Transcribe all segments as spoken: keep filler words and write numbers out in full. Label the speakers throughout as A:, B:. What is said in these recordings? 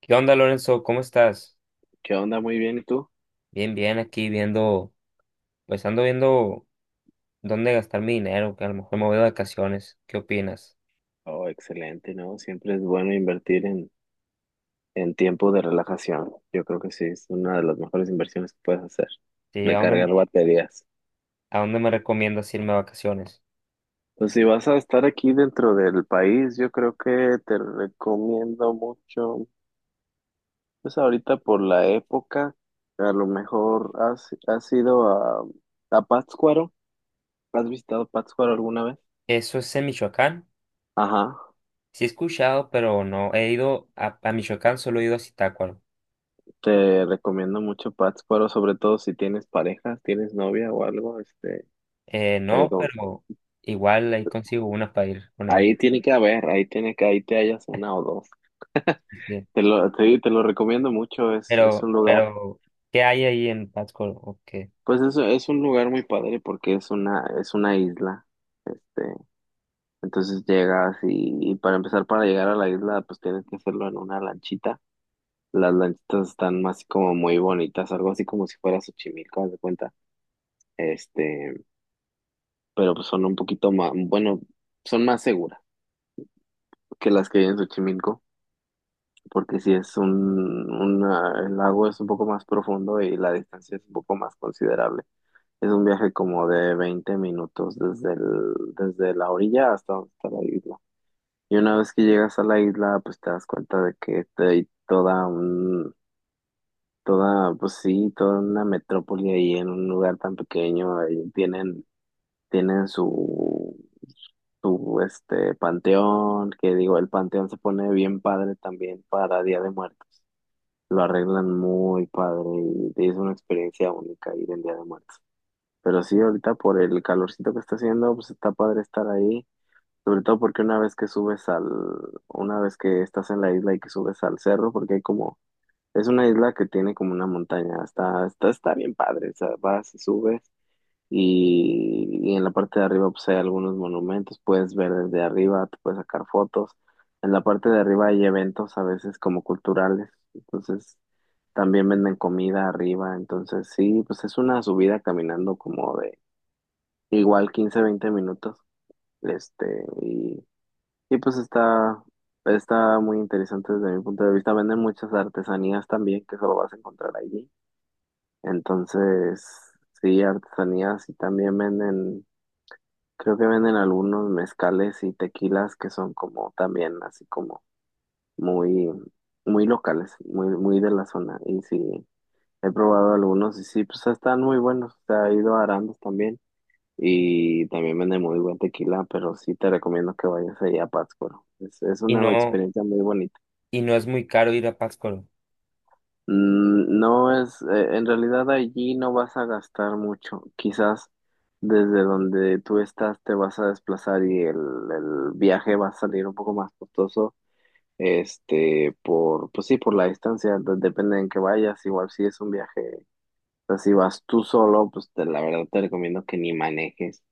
A: ¿Qué onda, Lorenzo? ¿Cómo estás?
B: ¿Qué onda? Muy bien, ¿y tú?
A: Bien, bien, aquí viendo, pues ando viendo dónde gastar mi dinero, que a lo mejor me voy de vacaciones. ¿Qué opinas?
B: Oh, excelente, ¿no? Siempre es bueno invertir en, en tiempo de relajación. Yo creo que sí, es una de las mejores inversiones que puedes hacer.
A: Sí, ¿a
B: Recargar
A: dónde,
B: baterías.
A: ¿a dónde me recomiendas irme a vacaciones?
B: Pues si vas a estar aquí dentro del país, yo creo que te recomiendo mucho. Pues ahorita por la época, a lo mejor has, has ido a, a Pátzcuaro. ¿Has visitado Pátzcuaro alguna vez?
A: ¿Eso es en Michoacán?
B: Ajá,
A: Sí he escuchado, pero no, he ido a, a Michoacán, solo he ido a Zitácuaro.
B: te recomiendo mucho Pátzcuaro, sobre todo si tienes pareja, tienes novia o algo. este,
A: Eh, no,
B: Pero
A: pero igual ahí consigo una para ir con ella.
B: ahí tiene que haber, ahí tiene que, ahí te hallas una o dos.
A: Sí, sí.
B: Te lo, te, te lo recomiendo mucho. Es, es
A: Pero,
B: un lugar,
A: pero, ¿qué hay ahí en Pátzcuaro? ¿O qué?
B: pues es, es un lugar muy padre porque es una, es una isla. Este, entonces llegas y, y para empezar, para llegar a la isla, pues tienes que hacerlo en una lanchita. Las lanchitas están más como muy bonitas, algo así como si fuera Xochimilco, haz de cuenta. Este, pero pues son un poquito más, bueno, son más seguras que las que hay en Xochimilco, porque si es un, una- el lago es un poco más profundo y la distancia es un poco más considerable. Es un viaje como de veinte minutos desde el, desde la orilla hasta donde está la isla. Y una vez que llegas a la isla, pues te das cuenta de que hay toda un, toda, pues sí, toda una metrópoli ahí en un lugar tan pequeño. Ahí tienen, tienen su, su, este, panteón, que digo, el panteón se pone bien padre también para Día de Muertos. Lo arreglan muy padre y es una experiencia única ir en Día de Muertos. Pero sí, ahorita por el calorcito que está haciendo, pues está padre estar ahí, sobre todo porque una vez que subes al, una vez que estás en la isla y que subes al cerro, porque hay como, es una isla que tiene como una montaña. Está, está, está bien padre, o sea, vas y subes y, y en la parte de arriba pues hay algunos monumentos, puedes ver desde arriba, te puedes sacar fotos. En la parte de arriba hay eventos a veces como culturales, entonces también venden comida arriba. Entonces sí, pues es una subida caminando como de igual quince veinte minutos. este, y, y pues está, está muy interesante desde mi punto de vista. Venden muchas artesanías también que solo vas a encontrar allí. Entonces sí, artesanías, y también venden. Creo que venden algunos mezcales y tequilas que son como también así como muy, muy locales, muy, muy de la zona. Y sí, he probado algunos y sí, pues están muy buenos. Se ha ido a Arandas también y también venden muy buen tequila, pero sí te recomiendo que vayas allá a Pátzcuaro. Es, es
A: Y
B: una
A: no,
B: experiencia muy bonita.
A: y no es muy caro ir a Pátzcuaro.
B: Mm. No es, eh, en realidad allí no vas a gastar mucho. Quizás desde donde tú estás te vas a desplazar y el, el viaje va a salir un poco más costoso. Este, por, pues sí, por la distancia, de- depende en que vayas. Igual si es un viaje, o sea, si vas tú solo, pues te- la verdad te recomiendo que ni manejes.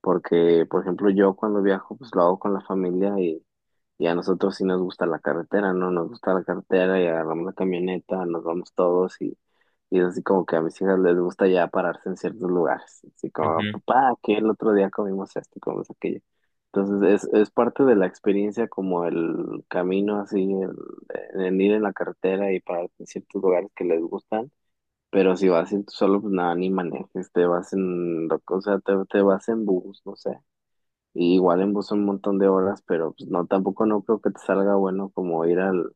B: Porque, por ejemplo, yo cuando viajo, pues lo hago con la familia y a nosotros sí nos gusta la carretera, ¿no? Nos gusta la carretera y agarramos la camioneta, nos vamos todos, y, y es así como que a mis hijas les gusta ya pararse en ciertos lugares. Así como,
A: Ujú.
B: papá, que el otro día comimos esto y comimos aquello. Entonces es, es parte de la experiencia como el camino así, el, el ir en la carretera y pararte en ciertos lugares que les gustan. Pero si vas en- solo, pues nada, ni manejes, te vas en, o sea, te, te vas en bus, no sé. Y igual en bus un montón de horas, pero pues no, tampoco no creo que te salga bueno como ir al,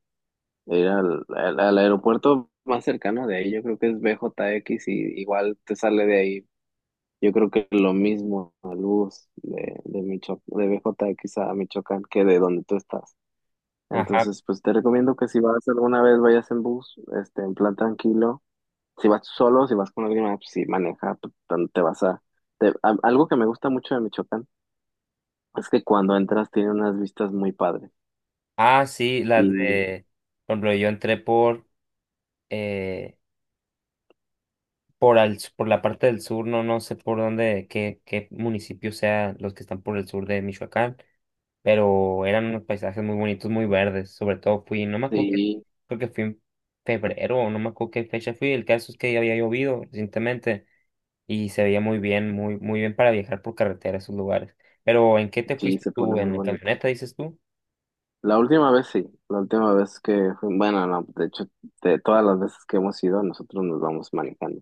B: ir al, al, al aeropuerto más cercano de ahí. Yo creo que es B J X, y igual te sale de ahí. Yo creo que lo mismo al bus de, de Micho- de B J X a Michoacán que de donde tú estás.
A: Ajá.
B: Entonces, pues te recomiendo que si vas alguna vez, vayas en bus, este, en plan tranquilo. Si vas solo, si vas con alguien más, pues sí, maneja, pues, tan- te vas a... te- a- Algo que me gusta mucho de Michoacán es que cuando entras tiene unas vistas muy padres.
A: Ah, sí, las
B: Y
A: de, por ejemplo, yo entré por, eh, por, al, por la parte del sur, no, no sé por dónde, qué, qué municipios sean los que están por el sur de Michoacán, pero eran unos paisajes muy bonitos, muy verdes, sobre todo fui, no me acuerdo que,
B: sí,
A: creo que fui en febrero, o no me acuerdo qué fecha fui, el caso es que ya había llovido recientemente y se veía muy bien, muy, muy bien para viajar por carretera a esos lugares. Pero, ¿en qué te
B: sí,
A: fuiste
B: se pone
A: tú?
B: muy
A: ¿En la
B: bonito.
A: camioneta, dices tú?
B: La última vez sí, la última vez que, fui- Bueno, no, de hecho, de todas las veces que hemos ido, nosotros nos vamos manejando.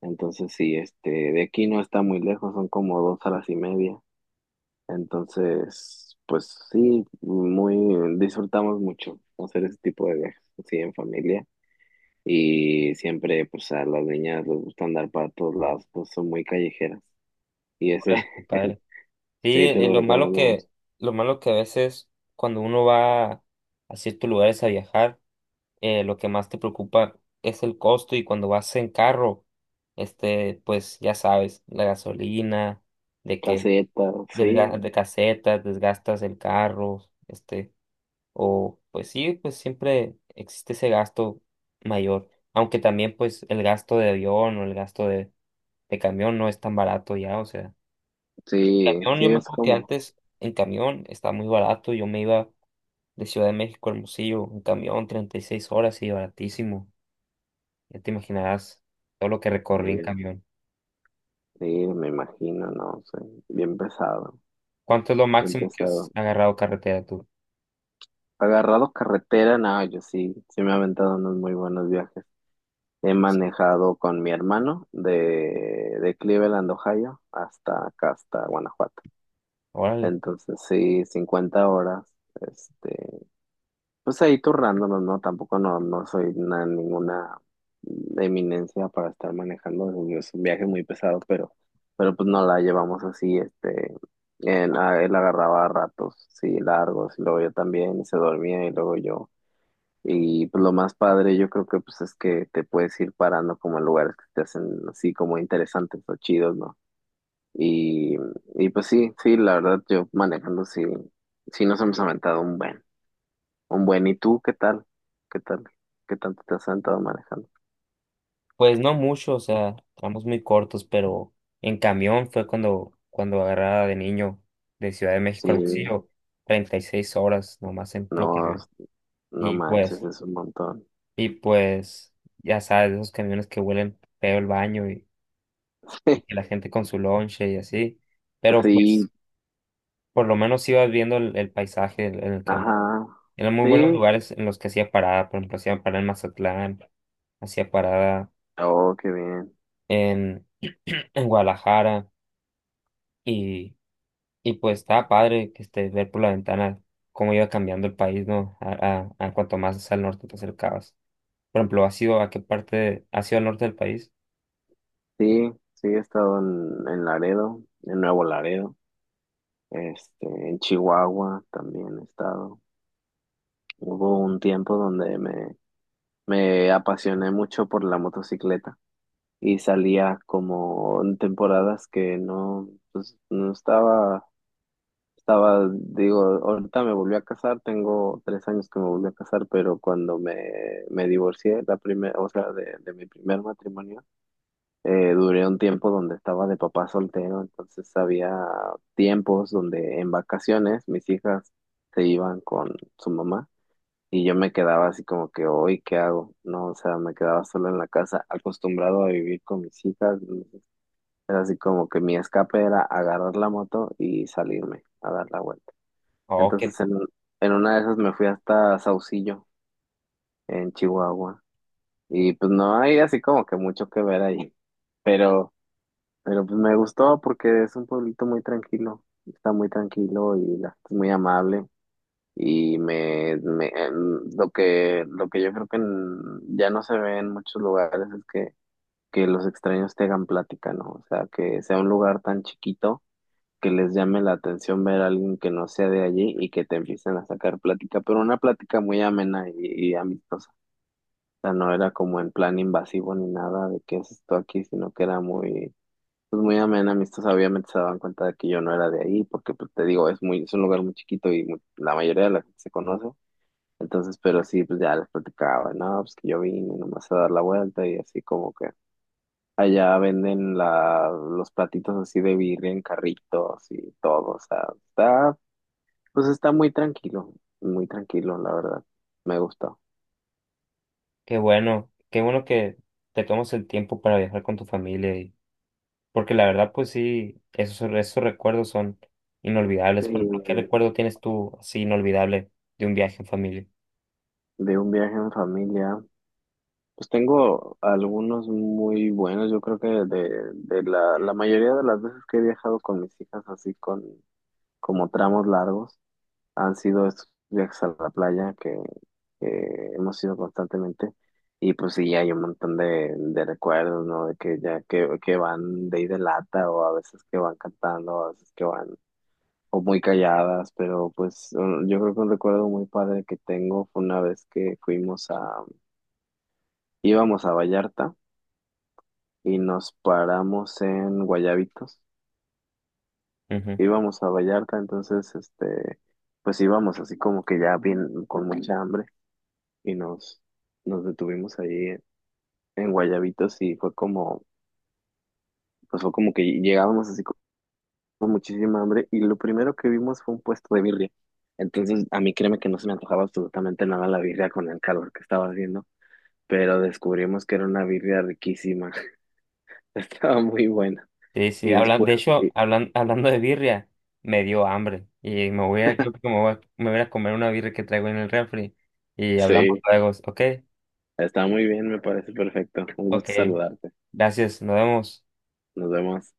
B: Entonces sí, este, de aquí no está muy lejos, son como dos horas y media. Entonces, pues sí, muy, disfrutamos mucho hacer ese tipo de viajes, sí, en familia. Y siempre, pues a las niñas les gusta andar para todos lados, pues son muy callejeras. Y ese,
A: Órale, qué padre. Sí,
B: Sí, te
A: eh,
B: lo
A: lo malo
B: recomendamos.
A: que, lo malo que a veces cuando uno va a ciertos lugares a viajar, eh, lo que más te preocupa es el costo y cuando vas en carro, este, pues ya sabes, la gasolina, de que
B: Caseta, sí,
A: desga- de casetas, desgastas el carro, este, o pues sí, pues siempre existe ese gasto mayor, aunque también pues el gasto de avión o el gasto de, de camión no es tan barato ya, o sea
B: sí,
A: camión, yo
B: sí,
A: me
B: es
A: acuerdo que
B: como,
A: antes en camión estaba muy barato. Yo me iba de Ciudad de México a Hermosillo en camión, treinta y seis horas y baratísimo. Ya te imaginarás todo lo que recorrí en
B: sí,
A: camión.
B: sí, me imagino, no sé, bien pesado,
A: ¿Cuánto es lo
B: bien
A: máximo que has
B: pesado.
A: agarrado carretera tú?
B: Agarrado carretera, no, yo sí, sí me he aventado unos muy buenos viajes. He manejado con mi hermano de, de Cleveland, Ohio, hasta acá, hasta Guanajuato.
A: Órale.
B: Entonces, sí, cincuenta horas. este, Pues ahí turnándonos, ¿no? Tampoco no, no soy una- ninguna eminencia para estar manejando. Es un viaje muy pesado, pero, pero pues no la llevamos así, este, en- a- él agarraba ratos, sí, largos, y luego yo también, y se dormía, y luego yo. Y pues lo más padre, yo creo que pues es que te puedes ir parando como en lugares que te hacen así como interesantes o chidos, ¿no? Y, y pues sí, sí, la verdad, yo manejando sí, sí nos hemos aventado un buen. Un buen, ¿y tú qué tal? ¿Qué tal? ¿Qué tanto te has sentado manejando?
A: Pues no mucho, o sea, tramos muy cortos, pero en camión fue cuando, cuando agarraba de niño de Ciudad de México a
B: Sí,
A: Hermosillo, treinta y seis horas nomás en puro
B: no,
A: camión.
B: no
A: Y
B: manches,
A: pues,
B: es un montón.
A: y pues, ya sabes, esos camiones que huelen feo el baño y que la gente con su lonche y así. Pero pues
B: Sí,
A: por lo menos ibas viendo el, el paisaje en en el camino.
B: ajá,
A: Eran muy buenos
B: sí,
A: lugares en los que hacía parada, por ejemplo, hacía parada en Mazatlán, hacía parada
B: oh, qué bien.
A: en, en Guadalajara y, y pues estaba padre que este, ver por la ventana cómo iba cambiando el país, ¿no? A, a, a cuanto más al norte te acercabas. Por ejemplo, ¿has ido a qué parte, ¿has ido al norte del país?
B: Sí, sí, he estado en, en Laredo, en Nuevo Laredo. Este, en Chihuahua también he estado. Hubo un tiempo donde me, me apasioné mucho por la motocicleta y salía como en temporadas que no, no estaba. Estaba, digo, ahorita me volví a casar, tengo tres años que me volví a casar, pero cuando me, me divorcié, la primera, o sea, de, de mi primer matrimonio, eh, duré un tiempo donde estaba de papá soltero. Entonces había tiempos donde en vacaciones mis hijas se iban con su mamá, y yo me quedaba así como que, hoy, ¿qué hago? No, o sea, me quedaba solo en la casa, acostumbrado a vivir con mis hijas. Era así como que mi escape era agarrar la moto y salirme a dar la vuelta.
A: Oh, qué,
B: Entonces en, en una de esas me fui hasta Saucillo, en Chihuahua. Y pues no hay así como que mucho que ver ahí. Pero, pero pues me gustó porque es un pueblito muy tranquilo. Está muy tranquilo y la gente es muy amable. Y me, me em, lo que, lo que yo creo que en- ya no se ve en muchos lugares es que, que los extraños te hagan plática, ¿no? O sea, que sea un lugar tan chiquito que les llame la atención ver a alguien que no sea de allí y que te empiecen a sacar plática, pero una plática muy amena y, y amistosa. O sea, no era como en plan invasivo ni nada de qué es esto aquí, sino que era muy, pues muy amena, amistosa. Obviamente se daban cuenta de que yo no era de ahí, porque pues te digo, es muy, es un lugar muy chiquito y muy- la mayoría de la gente se conoce. Entonces, pero sí, pues ya les platicaba, no, pues que yo vine nomás a dar la vuelta y así como que allá venden la, los platitos así de birria en carritos y todo. O sea, está pues está muy tranquilo, muy tranquilo, la verdad. Me gusta.
A: Qué bueno, qué bueno que te tomas el tiempo para viajar con tu familia. Porque la verdad, pues sí, esos, esos recuerdos son inolvidables. Por ejemplo, ¿qué
B: Y
A: recuerdo tienes tú así inolvidable de un viaje en familia?
B: de un viaje en familia, pues tengo algunos muy buenos. Yo creo que de, de la, la mayoría de las veces que he viajado con mis hijas, así con como tramos largos, han sido estos viajes a la playa que, que hemos ido constantemente. Y pues sí, hay un montón de, de recuerdos, ¿no? De que ya que, que van de ida de lata, o a veces que van cantando, a veces que van o muy calladas, pero pues un- yo creo que un recuerdo muy padre que tengo fue una vez que fuimos a, íbamos a Vallarta y nos paramos en Guayabitos.
A: Ujú.
B: Íbamos a Vallarta. Entonces, este, pues íbamos así como que ya bien, con mucha hambre, y nos, nos detuvimos ahí en Guayabitos, y fue como, pues fue como que llegábamos así con muchísima hambre, y lo primero que vimos fue un puesto de birria. Entonces, a mí créeme que no se me antojaba absolutamente nada la birria con el calor que estaba haciendo. pero descubrimos que era una birria riquísima. Estaba muy buena.
A: Sí, sí,
B: Y
A: hablan,
B: después,
A: de hecho,
B: sí,
A: hablan, hablando de birria, me dio hambre y me voy a, creo que me voy a, me voy a comer una birria que traigo en el refri y hablamos
B: sí,
A: luego, ¿ok?
B: está muy bien, me parece perfecto. Un
A: Ok,
B: gusto saludarte.
A: gracias, nos vemos.
B: Nos vemos.